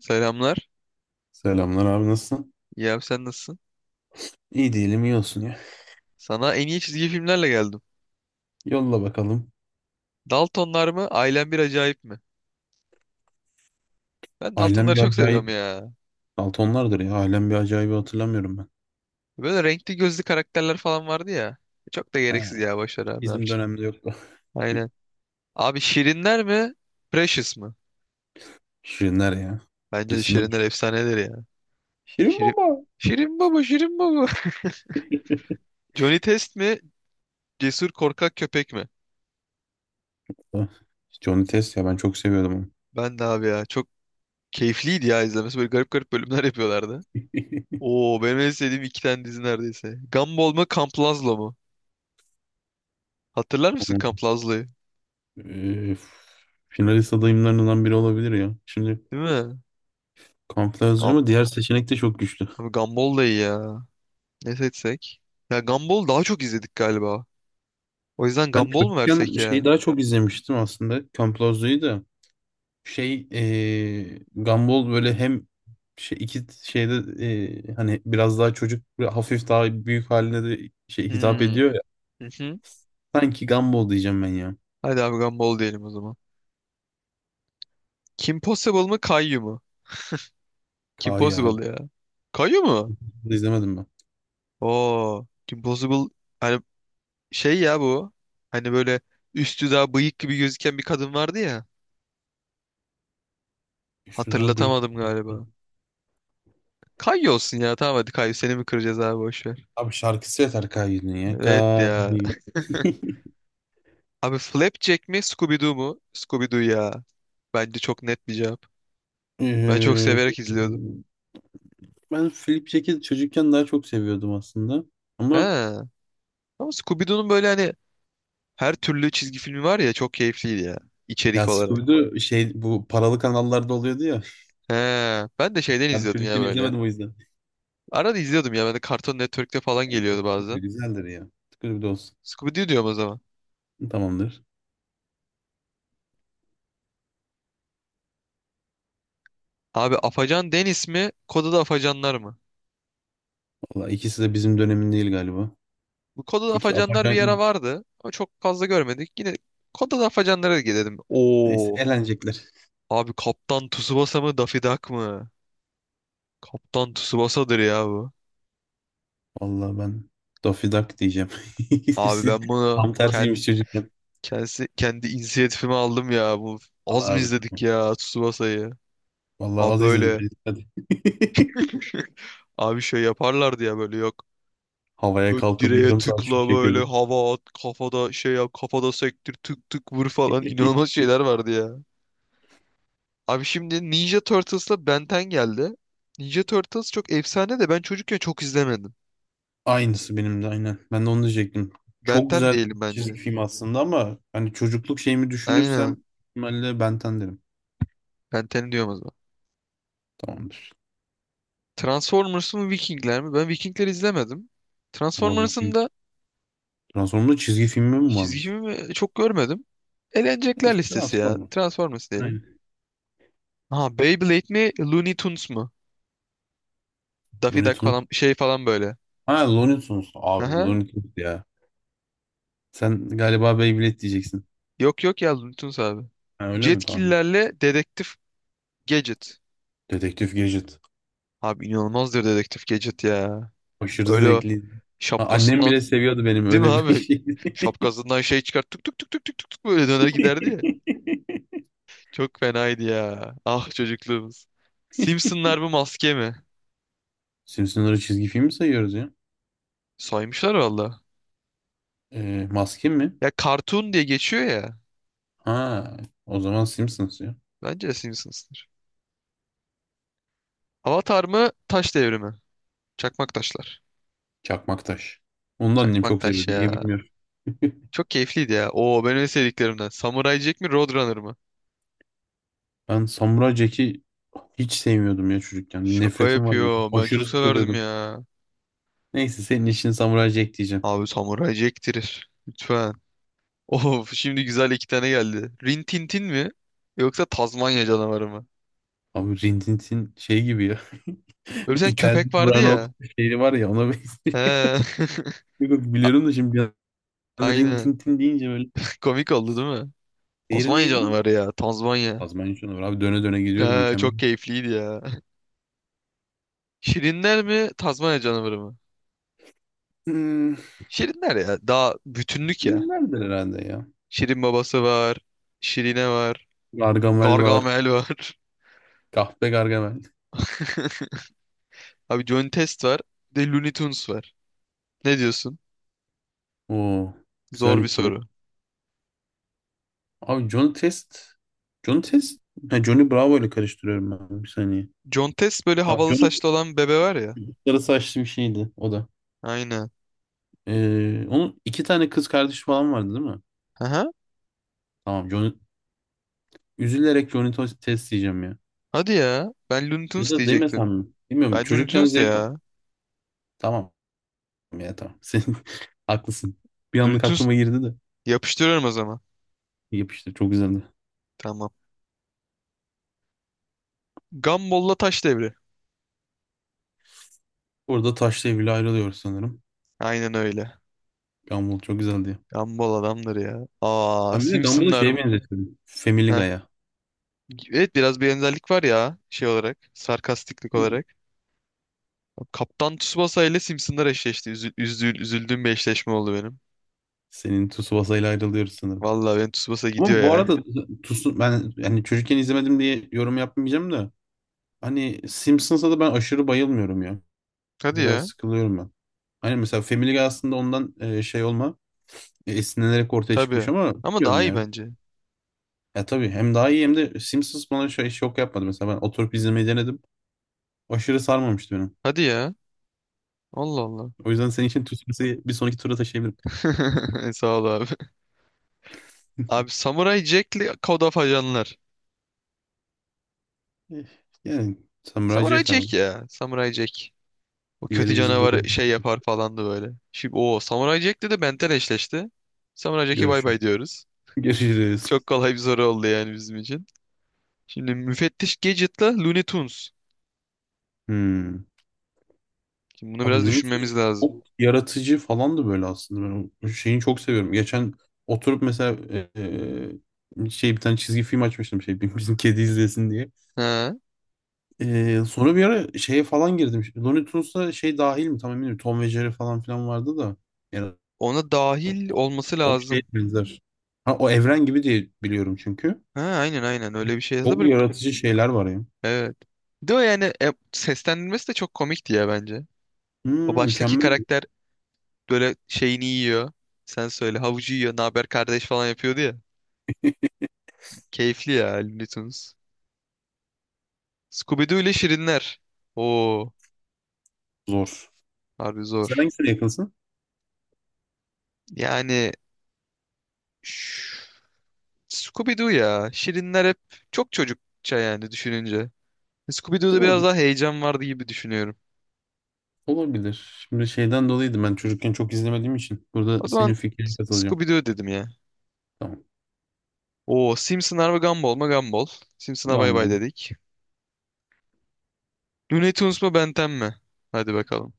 Selamlar. Selamlar abi nasılsın? İyi abi, sen nasılsın? İyi değilim iyi olsun ya. Sana en iyi çizgi filmlerle geldim. Yolla bakalım. Daltonlar mı, ailen bir acayip mi? Ben Ailem Daltonları bir çok seviyorum acayip. ya. Daltonlardır ya. Ailem bir acayibi hatırlamıyorum ben. Böyle renkli gözlü karakterler falan vardı ya. Çok da He, gereksiz ya, boş ver abi, ne bizim yapacaksın? dönemde yoktu. Aynen. Abi, Şirinler mi, Precious mı? Şirinler ya. Bence de Dizimi. Şirinler efsanedir ya. Şirin Şirin... baba. Şirin baba, Şirin baba. Johnny Test mi, cesur korkak köpek mi? Johnny Test ya ben çok seviyordum onu. Ben de abi ya. Çok keyifliydi ya izlemesi. Böyle garip garip bölümler yapıyorlardı. Oo, benim en sevdiğim iki tane dizi neredeyse. Gumball mı, Camp Lazlo mu? Hatırlar mısın Onun, Camp Lazlı'yı? eee, finalist adayımlarından biri olabilir ya. Şimdi Değil mi? Campbell yazıyor Gam ama diğer seçenek de çok güçlü. Abi, Gumball da iyi ya. Ne seçsek? Ya, Gumball daha çok izledik galiba. O yüzden Ben Gumball mu çocukken versek şeyi ya? daha çok izlemiştim aslında. Campbell da. Şey Gumball böyle hem şey, iki şeyde, hani biraz daha çocuk ve hafif daha büyük haline de şey hitap Hmm. ediyor ya. Hı hı. Sanki Gumball diyeceğim ben ya. Hadi abi, Gumball diyelim o zaman. Kim Possible mı, Caillou mu? Kim Kayı abi. Possible ya. Caillou mu? Bunu da izlemedim ben. Oo. Kim Possible, hani şey ya bu. Hani böyle üstü daha bıyık gibi gözüken bir kadın vardı ya. Üstü daha bıyık. Hatırlatamadım galiba. Caillou olsun ya. Tamam, hadi Caillou, seni mi kıracağız abi, boş ver. Abi şarkısı yeter Kayı'nın ya. Evet ya. Kayı. Abi, Flapjack mi, Scooby-Doo mu? Scooby-Doo ya. Bence çok net bir cevap. Ben çok Eee, severek izliyordum. ben Flip Jack'i çocukken daha çok seviyordum aslında. Ama He. Ama Scooby-Doo'nun böyle hani her türlü çizgi filmi var ya, çok keyifliydi ya. İçerik ya olarak. Scooby-Doo şey bu paralı kanallarda oluyordu ya. He. Ben de şeyden Ben izliyordum ya çocukken böyle. izlemedim o yüzden. Arada izliyordum ya. Ben de Cartoon Network'te falan E, geliyordu bu da bazen. güzeldir ya. Scooby-Doo olsun. Scooby-Doo diyorum o zaman. Tamamdır. Abi, Afacan Deniz mi, Koda'da Afacanlar mı? Valla ikisi de bizim dönemin değil galiba. Bu Koda'da İki Afacanlar bir ara apaçan vardı. Ama çok fazla görmedik. Yine Koda'da Afacanlara gidelim. neyse Oo. eğlenecekler. Abi, Kaptan Tsubasa mı, Daffy Duck mı? Kaptan Tsubasa'dır ya bu. Valla ben Daffy Duck diyeceğim. Abi İkisi ben tam bunu tersiymiş çocukken. Kendi inisiyatifime aldım ya. Bu Valla az mı abi. izledik ya Tsubasa'yı? Valla Abi az izledik böyle biz. Hadi. abi şey yaparlardı ya böyle, yok. Havaya Böyle kalkıp direğe yarım saat şut tıkla, böyle çekiyordum. hava at kafada, şey yap kafada, sektir tık tık vur falan inanılmaz şeyler vardı ya. Abi şimdi Ninja Turtles'la Ben 10 geldi. Ninja Turtles çok efsane de ben çocukken çok izlemedim. Aynısı benim de aynen. Ben de onu diyecektim. Ben Çok 10 güzel diyelim çizgi bence. film aslında ama hani çocukluk şeyimi Aynen. düşünürsem ihtimalle Ben 10 derim. Ben 10 diyorum o zaman. Tamamdır. Transformers mı, Vikingler mi? Ben Vikingler izlemedim. Valla Transformers'ın Viking. da Transformers çizgi filmi mi çizgi varmış? filmi çok görmedim. Eğlenecekler Neyse listesi ya. Transformers. Transformers diyelim. Aynen. Ha, Beyblade mi, Looney Tunes mu? Daffy Looney Duck Tunes falan şey falan böyle. Ha Looney Tunes. Abi Aha. Looney Tunes ya. Sen galiba Beyblade diyeceksin. Yok yok ya, Looney Tunes abi. Ha, öyle mi? Tamam. Jetkillerle Dedektif Gadget. Dedektif Gadget. Abi, inanılmazdır Dedektif Gadget ya. Aşırı Öyle o zevkli. Ha, annem şapkasından, bile seviyordu benim değil mi öyle bir abi? şeydi. Şapkasından şey çıkart, tık tık tık tık tık tık tık böyle döner giderdi. Çok fenaydı ya. Ah, çocukluğumuz. Simpsonlar bu, maske mi? Simpsons'ları çizgi film mi sayıyoruz ya? Saymışlar valla. Maskin mi? Ya cartoon diye geçiyor ya. Ha, o zaman Simpsons ya. Bence de Simpsons'tır. Avatar mı? Taş devrimi. Çakmak taşlar. Çakmaktaş. Onu da annem Çakmak çok taş seviyordu. Niye ya. bilmiyorum. Çok keyifliydi ya. Oo, benim en sevdiklerimden. Samurai Jack mi, Roadrunner mı? Ben Samuray Jack'i hiç sevmiyordum ya çocukken. Bir Şaka nefretim vardı. yapıyor. Ben Aşırı çok severdim sıkılıyordum. ya. Neyse senin işin Samuray Jack diyeceğim. Abi, Samurai Jack'tir. Lütfen. Of, şimdi güzel iki tane geldi. Rin Tin Tin mi, yoksa Tazmanya canavarı mı? Abi Rin Tin Tin şey gibi ya. Öyle bir tane İtalyan köpek vardı Brandt ya. şehri var ya ona benziyor. He. Yok, biliyorum da şimdi bir anda Rin Aynen. Tin Tin deyince böyle. Komik oldu, değil mi? Diğeri Tazmanya neydi? canavarı ya. Tazmanya. Azerbaycan var. Abi döne döne gidiyordum Ya, çok mükemmel. keyifliydi ya. Şirinler mi, Tazmanya canavarı mı? Hmm, Şirinler ya. Daha bütünlük ya. filmlerdir herhalde ya. Şirin babası var. Şirine var. Gargamel var. Gargamel var. Kahpe Gargamel. Abi, John Test var. Bir de Looney Tunes var. Ne diyorsun? Oo, güzel Zor bir ikili. soru. Abi Johnny Test. Johnny Test. Ha, Johnny Bravo ile karıştırıyorum ben. Bir saniye. John Test, böyle Tamam, havalı Johnny saçlı olan bebe var ya. sarı saçlı bir şeydi o da. Aynen. Onun iki tane kız kardeşi falan vardı değil mi? Aha. Tamam Johnny. Üzülerek Johnny Test diyeceğim ya. Hadi ya. Ben Looney Ya Tunes da demesem diyecektim. mi? Bilmiyorum. Bence Looney Çocukken Tunes de zevk al- ya. Tamam ya tamam. Sen haklısın. Bir Looney anlık Tunes aklıma girdi de. yapıştırıyorum o zaman. Yapıştı. Çok güzeldi. Tamam. Gumball'la taş devri. Burada taşla evli ayrılıyoruz sanırım. Aynen öyle. Gumball çok güzeldi. Gumball adamdır ya. Aa, Ben bir de Gumball'ı Simpsonlar. şeye benzetiyordum. Family Heh. Guy'a. Evet, biraz bir benzerlik var ya şey olarak, sarkastiklik Değil mi? olarak. Kaptan Tsubasa ile Simpsonlar eşleşti. Üzüldüğüm bir eşleşme oldu benim. Senin Tsubasa ile ayrılıyoruz sanırım. Vallahi benim Tsubasa Ama gidiyor bu arada ya. Tsubasa ben yani çocukken izlemedim diye yorum yapmayacağım da hani Simpsons'a da ben aşırı bayılmıyorum ya. Hadi Biraz ya. sıkılıyorum ben. Hani mesela Family Guy aslında ondan şey olma, esinlenerek ortaya çıkmış Tabii. ama Ama daha bilmiyorum iyi ya. bence. Ya tabii hem daha iyi hem de Simpsons bana şöyle şok yapmadı. Mesela ben oturup izlemeyi denedim. Aşırı sarmamıştı beni. Hadi ya. Allah Allah. O yüzden senin için Tüsmüs'ü bir sonraki tura taşıyabilirim. Sağ ol abi. Abi, Samurai Jack'li Code of Ajanlar. Eh, yani sen Samurai müracaat abi. Jack ya. Samurai Jack. O kötü Diğeri bizim canavar zaman şey yapar falandı böyle. Şimdi o Samuray Jack de eşleşti. Samuray Jack'e bay görüşürüz. bay diyoruz. Görüşürüz. Çok kolay bir soru oldu yani bizim için. Şimdi müfettiş Gadget'la Looney Tunes. Hmm. Şimdi bunu Abi biraz Looney Tunes düşünmemiz lazım. çok yaratıcı falan da böyle aslında. Ben o şeyini çok seviyorum. Geçen oturup mesela e, şey bir tane çizgi film açmıştım şey bizim kedi izlesin diye. Ha, Sonra bir ara şeye falan girdim. Looney Tunes'a şey dahil mi? Tam emin değilim. Tom ve Jerry falan filan vardı da. Yani ona dahil o, olması o şey lazım. benzer. Ha, o evren gibi diye biliyorum çünkü. Ha, aynen aynen öyle bir şey yazdı. Çok Böyle, yaratıcı şeyler var ya. evet. Bir de o yani, e, seslendirmesi de çok komikti ya bence. O Hmm, baştaki mükemmel karakter böyle şeyini yiyor. Sen söyle, havucu yiyor. Ne haber kardeş falan yapıyordu ya. Keyifli ya Looney Tunes. Scooby-Doo ile Şirinler. Oo, zor. harbi Sen zor. hangisine yakınsın? Yani ş- Scooby-Doo ya. Şirinler hep çok çocukça yani düşününce. Scooby-Doo'da biraz Zor daha heyecan vardı gibi düşünüyorum. olabilir. Şimdi şeyden dolayıydı ben çocukken çok izlemediğim için. O Burada zaman senin fikrine katılacağım. Scooby-Doo dedim ya. Tamam. Oo, Simpsonlar mı, Gumball mı? Gumball. Simpson'a bay bay Gumball. dedik. Looney Tunes mu, Ben 10 mi? Hadi bakalım.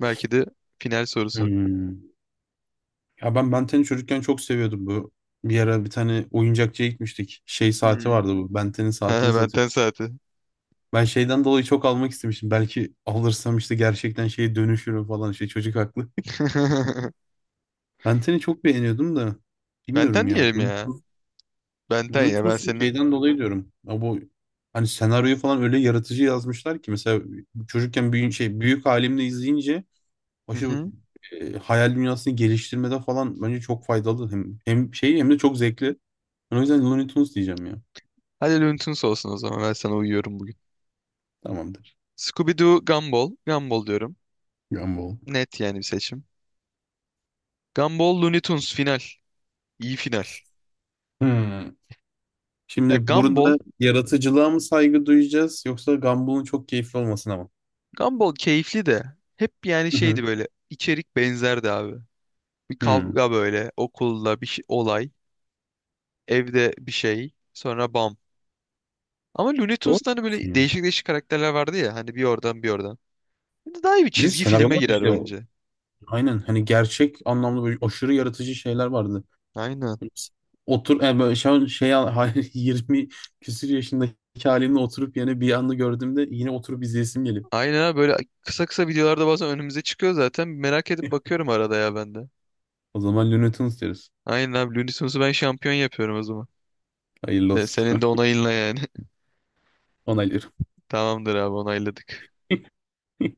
Belki de final sorusu. Hmm. Ya ben Benten'i çocukken çok seviyordum bu. Bir ara bir tane oyuncakçıya gitmiştik. Şey saati Hmm. vardı bu. Benten'in Ha, saatini Ben satıyordu. 10 saati. Ben şeyden dolayı çok almak istemiştim. Belki alırsam işte gerçekten şeye dönüşürüm falan. Şey çocuk haklı. Ben seni çok beğeniyordum da Ben bilmiyorum 10 ya. diyelim ya. Ben 10 ya, ben Bluetooth'un seni. şeyden dolayı diyorum. Ya bu hani senaryoyu falan öyle yaratıcı yazmışlar ki mesela çocukken büyük şey büyük halimle izleyince aşırı hayal dünyasını geliştirmede falan bence çok faydalı. Hem şey hem de çok zevkli. Ben o yüzden Looney Tunes diyeceğim ya. Hadi Loon'tons olsun o zaman. Ben sana uyuyorum bugün. Tamamdır. Scooby-Doo, Gumball. Gumball diyorum. Gumball. Net yani bir seçim. Gumball, Looney Tunes final. İyi final. Hmm. Ya Şimdi Gumball, burada yaratıcılığa mı saygı duyacağız yoksa Gumball'ın çok keyifli olmasına mı? Gumball keyifli de hep yani Hı hı. şeydi böyle, içerik benzerdi abi. Bir Hı. kavga böyle okulda bir şey, olay, evde bir şey, sonra bam. Ama Looney Doğru Tunes'ta hani diyorsun böyle yani. değişik değişik karakterler vardı ya, hani bir oradan bir oradan. Daha iyi bir Bir de çizgi filme senaryolar da girer işte o- bence. aynen hani gerçek anlamda böyle aşırı yaratıcı şeyler vardı. Aynen. Otur böyle şu an şey al- 20 küsür yaşındaki halimle oturup yine bir anda gördüğümde yine oturup izleyesim gelip. Aynen abi, böyle kısa kısa videolarda bazen önümüze çıkıyor zaten. Merak edip bakıyorum arada ya ben de. O zaman Looney Tunes deriz. Aynen abi, Looney Tunes'u ben şampiyon yapıyorum o zaman. Hayırlı De, olsun. senin de onayınla yani. Onaylıyorum. Tamamdır abi, onayladık.